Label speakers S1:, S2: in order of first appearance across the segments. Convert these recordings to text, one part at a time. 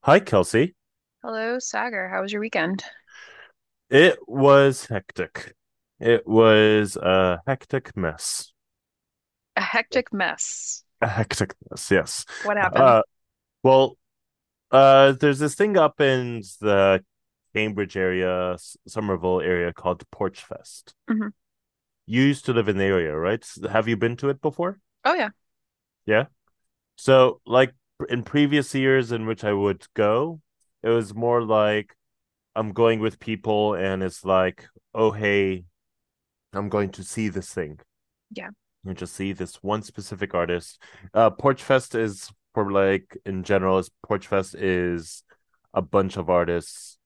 S1: Hi, Kelsey.
S2: Hello, Sagar. How was your weekend?
S1: It was hectic. It was a hectic mess.
S2: A hectic mess.
S1: A hectic mess, yes.
S2: What happened?
S1: Uh, well, there's this thing up in the Cambridge area, Somerville area called Porch Fest.
S2: hmm
S1: You used to live in the area, right? Have you been to it before?
S2: Oh, yeah.
S1: Yeah. So, like in previous years in which I would go, it was more like I'm going with people and it's like, oh, hey, I'm going to see this thing
S2: Yeah.
S1: you just see this one specific artist. Porchfest is for like in general. Is Porchfest is a bunch of artists.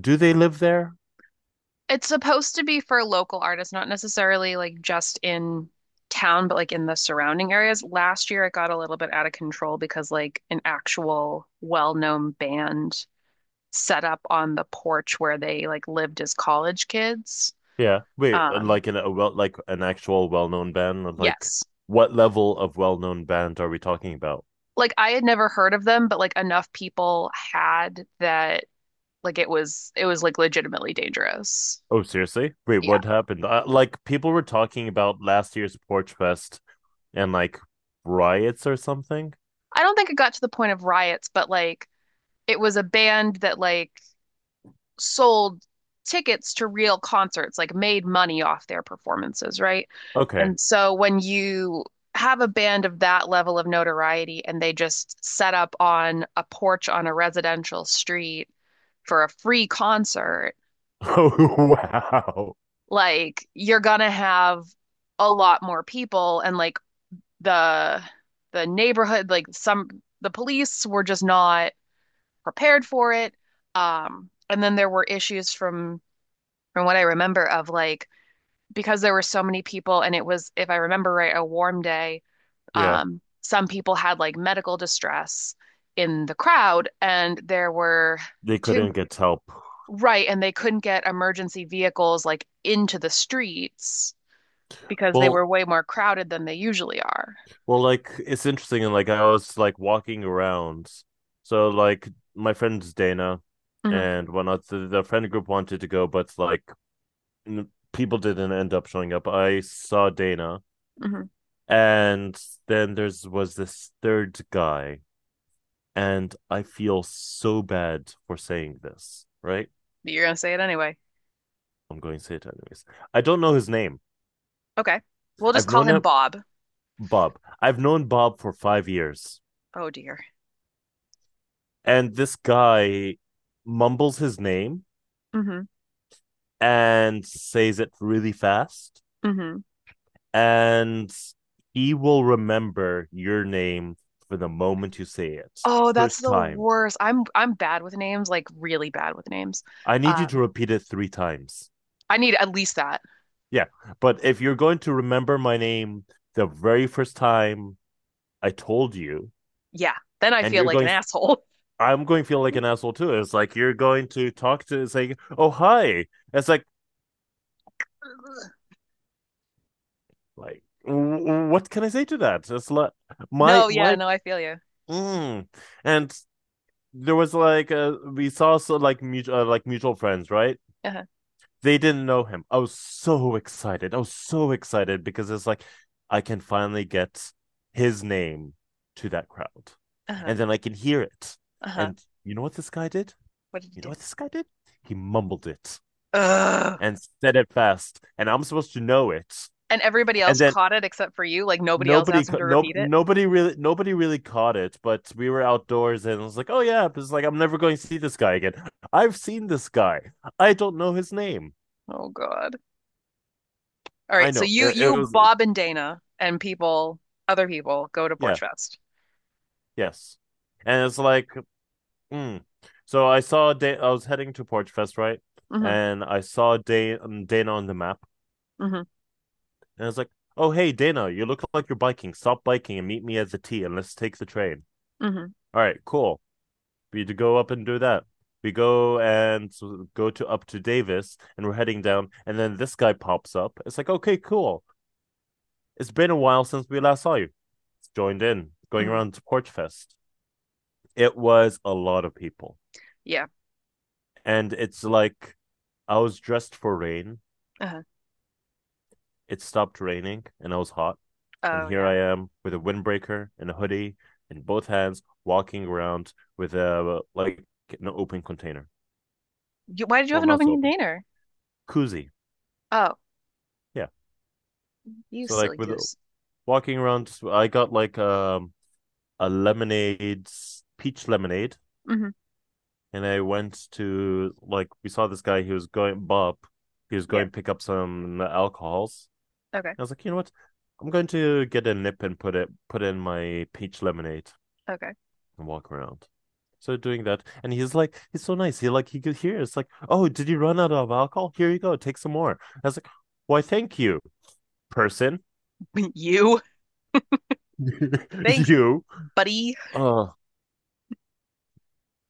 S1: Do they live there?
S2: It's supposed to be for local artists, not necessarily like just in town, but like in the surrounding areas. Last year, it got a little bit out of control because like an actual well-known band set up on the porch where they like lived as college kids.
S1: Yeah. Wait,
S2: Um,
S1: like in a well, like an actual well-known band. Like,
S2: yes.
S1: what level of well-known band are we talking about?
S2: Like I had never heard of them, but like enough people had that like it was like legitimately dangerous.
S1: Oh, seriously? Wait,
S2: Yeah.
S1: what happened? Like, people were talking about last year's Porchfest and like riots or something.
S2: I don't think it got to the point of riots, but like it was a band that like sold tickets to real concerts, like made money off their performances, right?
S1: Okay.
S2: And so when you have a band of that level of notoriety and they just set up on a porch on a residential street for a free concert,
S1: Oh, wow.
S2: like you're gonna have a lot more people and like the the neighborhood, like some the police were just not prepared for it. And then there were issues from what I remember of like because there were so many people and it was, if I remember right, a warm day,
S1: Yeah,
S2: some people had like medical distress in the crowd and there were
S1: they
S2: two,
S1: couldn't get help.
S2: right, and they couldn't get emergency vehicles like into the streets because they
S1: Well,
S2: were way more crowded than they usually are.
S1: Well, like it's interesting, and like I was like walking around, so like my friends Dana
S2: hmm
S1: and whatnot, the friend group wanted to go, but like people didn't end up showing up. I saw Dana,
S2: hmm
S1: and then there's was this third guy, and I feel so bad for saying this, right?
S2: You're gonna say it anyway.
S1: I'm going to say it anyways. I don't know his name.
S2: Okay. We'll just
S1: I've
S2: call
S1: known
S2: him
S1: him,
S2: Bob.
S1: Bob. I've known Bob for 5 years,
S2: Oh dear.
S1: and this guy mumbles his name
S2: hmm
S1: and says it really fast.
S2: hmm
S1: And he will remember your name for the moment you say it.
S2: Oh, that's
S1: First
S2: the
S1: time.
S2: worst. I'm bad with names, like really bad with names.
S1: I need you to
S2: Um,
S1: repeat it 3 times.
S2: I need at least that.
S1: Yeah. But if you're going to remember my name the very first time I told you,
S2: Yeah. Then I
S1: and
S2: feel
S1: you're
S2: like an
S1: going,
S2: asshole.
S1: I'm going to feel like an asshole too. It's like you're going to talk to, it's like, oh, hi. It's like,
S2: Ugh.
S1: like, what can I say to that? It's like my,
S2: No, yeah,
S1: my,
S2: no, I feel you.
S1: mm. And there was like a we saw, so like, mutual friends, right?
S2: Uh-huh.
S1: They didn't know him. I was so excited. I was so excited because it's like I can finally get his name to that crowd,
S2: Uh-huh.
S1: and then I can hear it.
S2: Uh-huh.
S1: And you know what this guy did?
S2: What did you
S1: You know
S2: do?
S1: what this guy did? He mumbled it
S2: Ugh.
S1: and said it fast, and I'm supposed to know it.
S2: And everybody
S1: And
S2: else
S1: then
S2: caught it except for you. Like nobody else
S1: nobody
S2: asked him
S1: ca-
S2: to
S1: no
S2: repeat it.
S1: nobody really caught it, but we were outdoors and I was like, oh yeah, it's like I'm never going to see this guy again. I've seen this guy, I don't know his name.
S2: Oh God. All
S1: I
S2: right. So
S1: know
S2: you
S1: it
S2: you
S1: was.
S2: Bob and Dana and people other people go to Porch
S1: yeah
S2: Fest.
S1: yes And it's like mm. So I saw Dana, I was heading to Porch Fest, right?
S2: Mm-hmm.
S1: And I saw Dana on the map,
S2: Mm-hmm.
S1: and I was like, oh hey Dana, you look like you're biking, stop biking and meet me at the T and let's take the train.
S2: Mm-hmm.
S1: All right, cool. We to go up and do that. We go and go to up to Davis, and we're heading down, and then this guy pops up. It's like, okay, cool. It's been a while since we last saw you. It's Joined in, going
S2: hmm
S1: around to Porch Fest. It was a lot of people,
S2: Yeah.
S1: and it's like I was dressed for rain.
S2: Uh-huh.
S1: It stopped raining, and I was hot. And
S2: Oh
S1: here
S2: yeah.
S1: I am with a windbreaker and a hoodie in both hands, walking around with a like an open container.
S2: You, why did you have
S1: Well,
S2: an
S1: not
S2: open
S1: so open,
S2: container?
S1: koozie.
S2: Oh,
S1: Yeah.
S2: you
S1: So like
S2: silly
S1: with
S2: goose.
S1: walking around. I got like a lemonade, peach lemonade,
S2: Mm-hmm.
S1: and I went to like we saw this guy. He was going Bob. He was
S2: Yeah.
S1: going to pick up some alcohols.
S2: Okay.
S1: I was like, you know what? I'm going to get a nip and put in my peach lemonade
S2: Okay.
S1: and walk around. So doing that, and he's like, he's so nice. He could hear. It's like, oh, did you run out of alcohol? Here you go, take some more. I was like, why, thank you, person.
S2: You. Thanks,
S1: you.
S2: buddy.
S1: Uh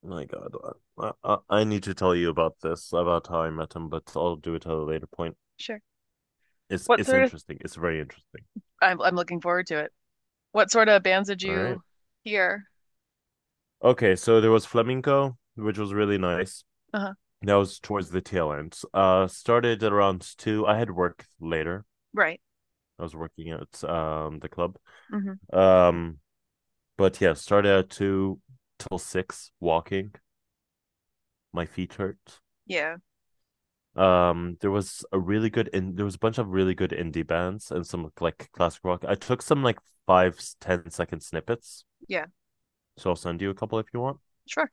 S1: My God, I need to tell you about this about how I met him, but I'll do it at a later point.
S2: Sure.
S1: It's
S2: What
S1: it's
S2: sort of
S1: interesting. It's very interesting.
S2: I'm looking forward to it. What sort of bands did
S1: All right.
S2: you hear?
S1: Okay, so there was flamenco, which was really nice.
S2: Uh huh.
S1: That was towards the tail end. Started at around 2. I had work later.
S2: Right.
S1: I was working at the club.
S2: Mm-hmm.
S1: Um, but yeah, started at 2 till 6 walking. My feet hurt.
S2: Yeah.
S1: There was a bunch of really good indie bands and some like classic rock. I took some like 5, ten second snippets,
S2: Yeah.
S1: so I'll send you a couple if you want.
S2: Sure.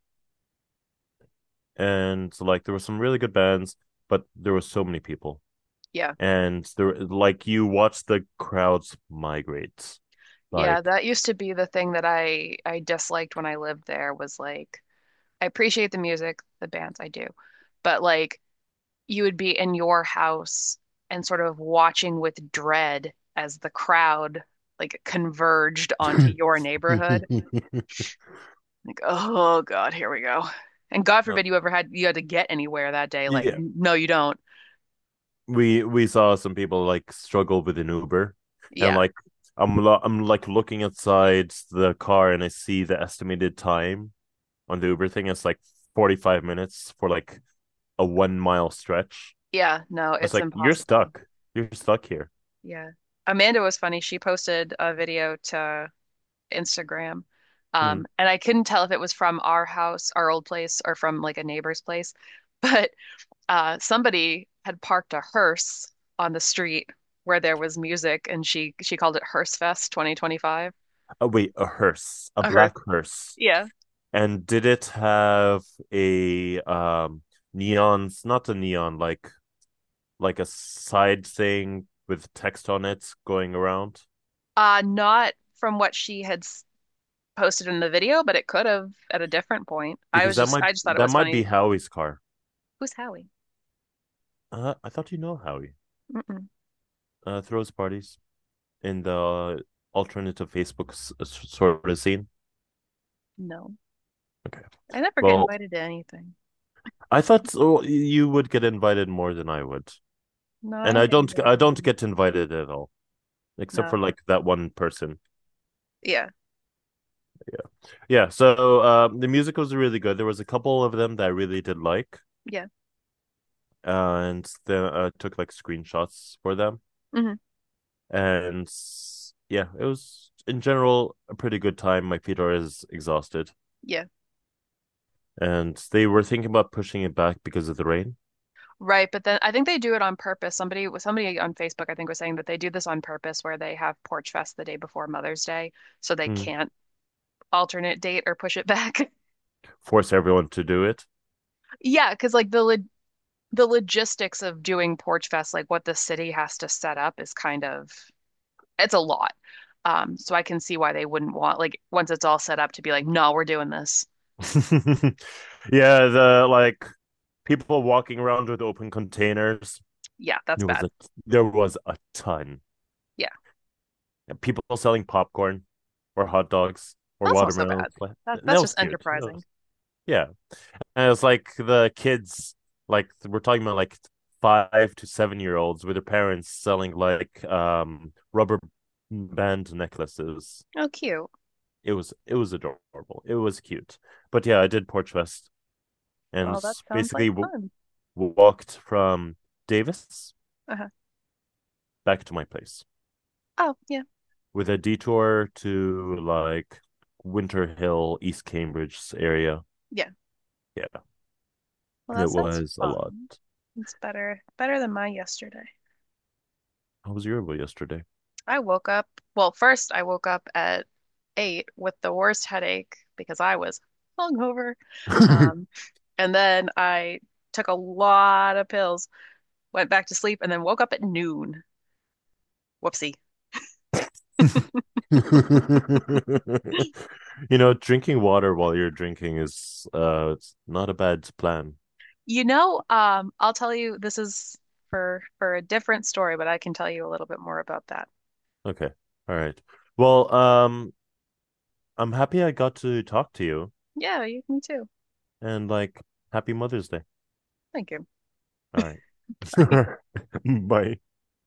S1: And so, like there were some really good bands, but there were so many people.
S2: Yeah.
S1: And there like you watch the crowds migrate.
S2: Yeah,
S1: Like
S2: that used to be the thing that I disliked when I lived there was like I appreciate the music, the bands I do, but like you would be in your house and sort of watching with dread as the crowd like converged onto your
S1: you
S2: neighborhood. Like, oh God, here we go. And God
S1: know,
S2: forbid you had to get anywhere that day. Like,
S1: yeah,
S2: no, you don't.
S1: we saw some people like struggle with an Uber, and
S2: Yeah.
S1: like I'm I'm like looking outside the car and I see the estimated time on the Uber thing, it's like 45 minutes for like a 1-mile stretch.
S2: Yeah. No,
S1: It's
S2: it's
S1: like, you're
S2: impossible.
S1: stuck. You're stuck here.
S2: Yeah. Amanda was funny. She posted a video to Instagram.
S1: Hmm.
S2: And I couldn't tell if it was from our house, our old place, or from like a neighbor's place. But somebody had parked a hearse on the street where there was music and she called it Hearse Fest 2025.
S1: Oh, wait, a hearse, a
S2: A hearse.
S1: black hearse.
S2: Yeah.
S1: And did it have a neon, not a neon, like a side thing with text on it going around?
S2: Not from what she had posted in the video, but it could have at a different point. I
S1: Because
S2: was just, I just thought it
S1: that
S2: was
S1: might be
S2: funny.
S1: Howie's car.
S2: Who's Howie?
S1: I thought you know Howie.
S2: Mm-mm,
S1: Throws parties in the alternative Facebook sort of scene.
S2: no,
S1: Okay.
S2: I never get
S1: Well,
S2: invited to anything.
S1: I thought so, you would get invited more than I would,
S2: No, I
S1: and
S2: don't
S1: I
S2: get
S1: don't.
S2: invited to
S1: I don't
S2: anything.
S1: get invited at all, except for
S2: No,
S1: like that one person.
S2: yeah,
S1: Yeah. So, the music was really good. There was a couple of them that I really did like,
S2: yeah,
S1: and then I took like screenshots for them.
S2: hmm
S1: And yeah, it was in general a pretty good time. My Peter is exhausted,
S2: yeah,
S1: and they were thinking about pushing it back because of the rain.
S2: right. But then I think they do it on purpose. Somebody, somebody on Facebook, I think, was saying that they do this on purpose, where they have Porch Fest the day before Mother's Day, so they
S1: Mm.
S2: can't alternate date or push it back.
S1: Force everyone to do it.
S2: Yeah, because like the logistics of doing Porch Fest, like what the city has to set up, is kind of it's a lot. So I can see why they wouldn't want like once it's all set up to be like, no, we're doing this.
S1: yeah, the like people walking around with open containers.
S2: Yeah, that's
S1: There was
S2: bad.
S1: a there was a ton.
S2: Yeah,
S1: And people selling popcorn or hot dogs or
S2: that's not so
S1: watermelon.
S2: bad. That
S1: And that
S2: that's
S1: was
S2: just
S1: cute.
S2: enterprising.
S1: Yeah. And it was like the kids like we're talking about like 5 to 7 year olds with their parents selling like rubber band necklaces.
S2: Oh, cute.
S1: It was adorable. It was cute. But yeah, I did Porch Fest and
S2: Well, that sounds like
S1: basically
S2: fun.
S1: walked from Davis
S2: Uh-huh.
S1: back to my place
S2: Oh, yeah,
S1: with a detour to like Winter Hill, East Cambridge area.
S2: yeah.
S1: Yeah,
S2: Well, that
S1: it
S2: sounds
S1: was a lot.
S2: fun. It's better than my yesterday.
S1: How was your Yoruba yesterday?
S2: I woke up. Well, first I woke up at 8 with the worst headache because I was hungover. Um, and then I took a lot of pills, went back to sleep, and then woke up at noon. Whoopsie.
S1: Drinking water while you're drinking is it's not a bad plan.
S2: You know, I'll tell you this is for a different story, but I can tell you a little bit more about that.
S1: Okay. All right. Well, I'm happy I got to talk to you
S2: Yeah, you can too.
S1: and like happy Mother's Day.
S2: Thank you.
S1: All right.
S2: Bye.
S1: Bye.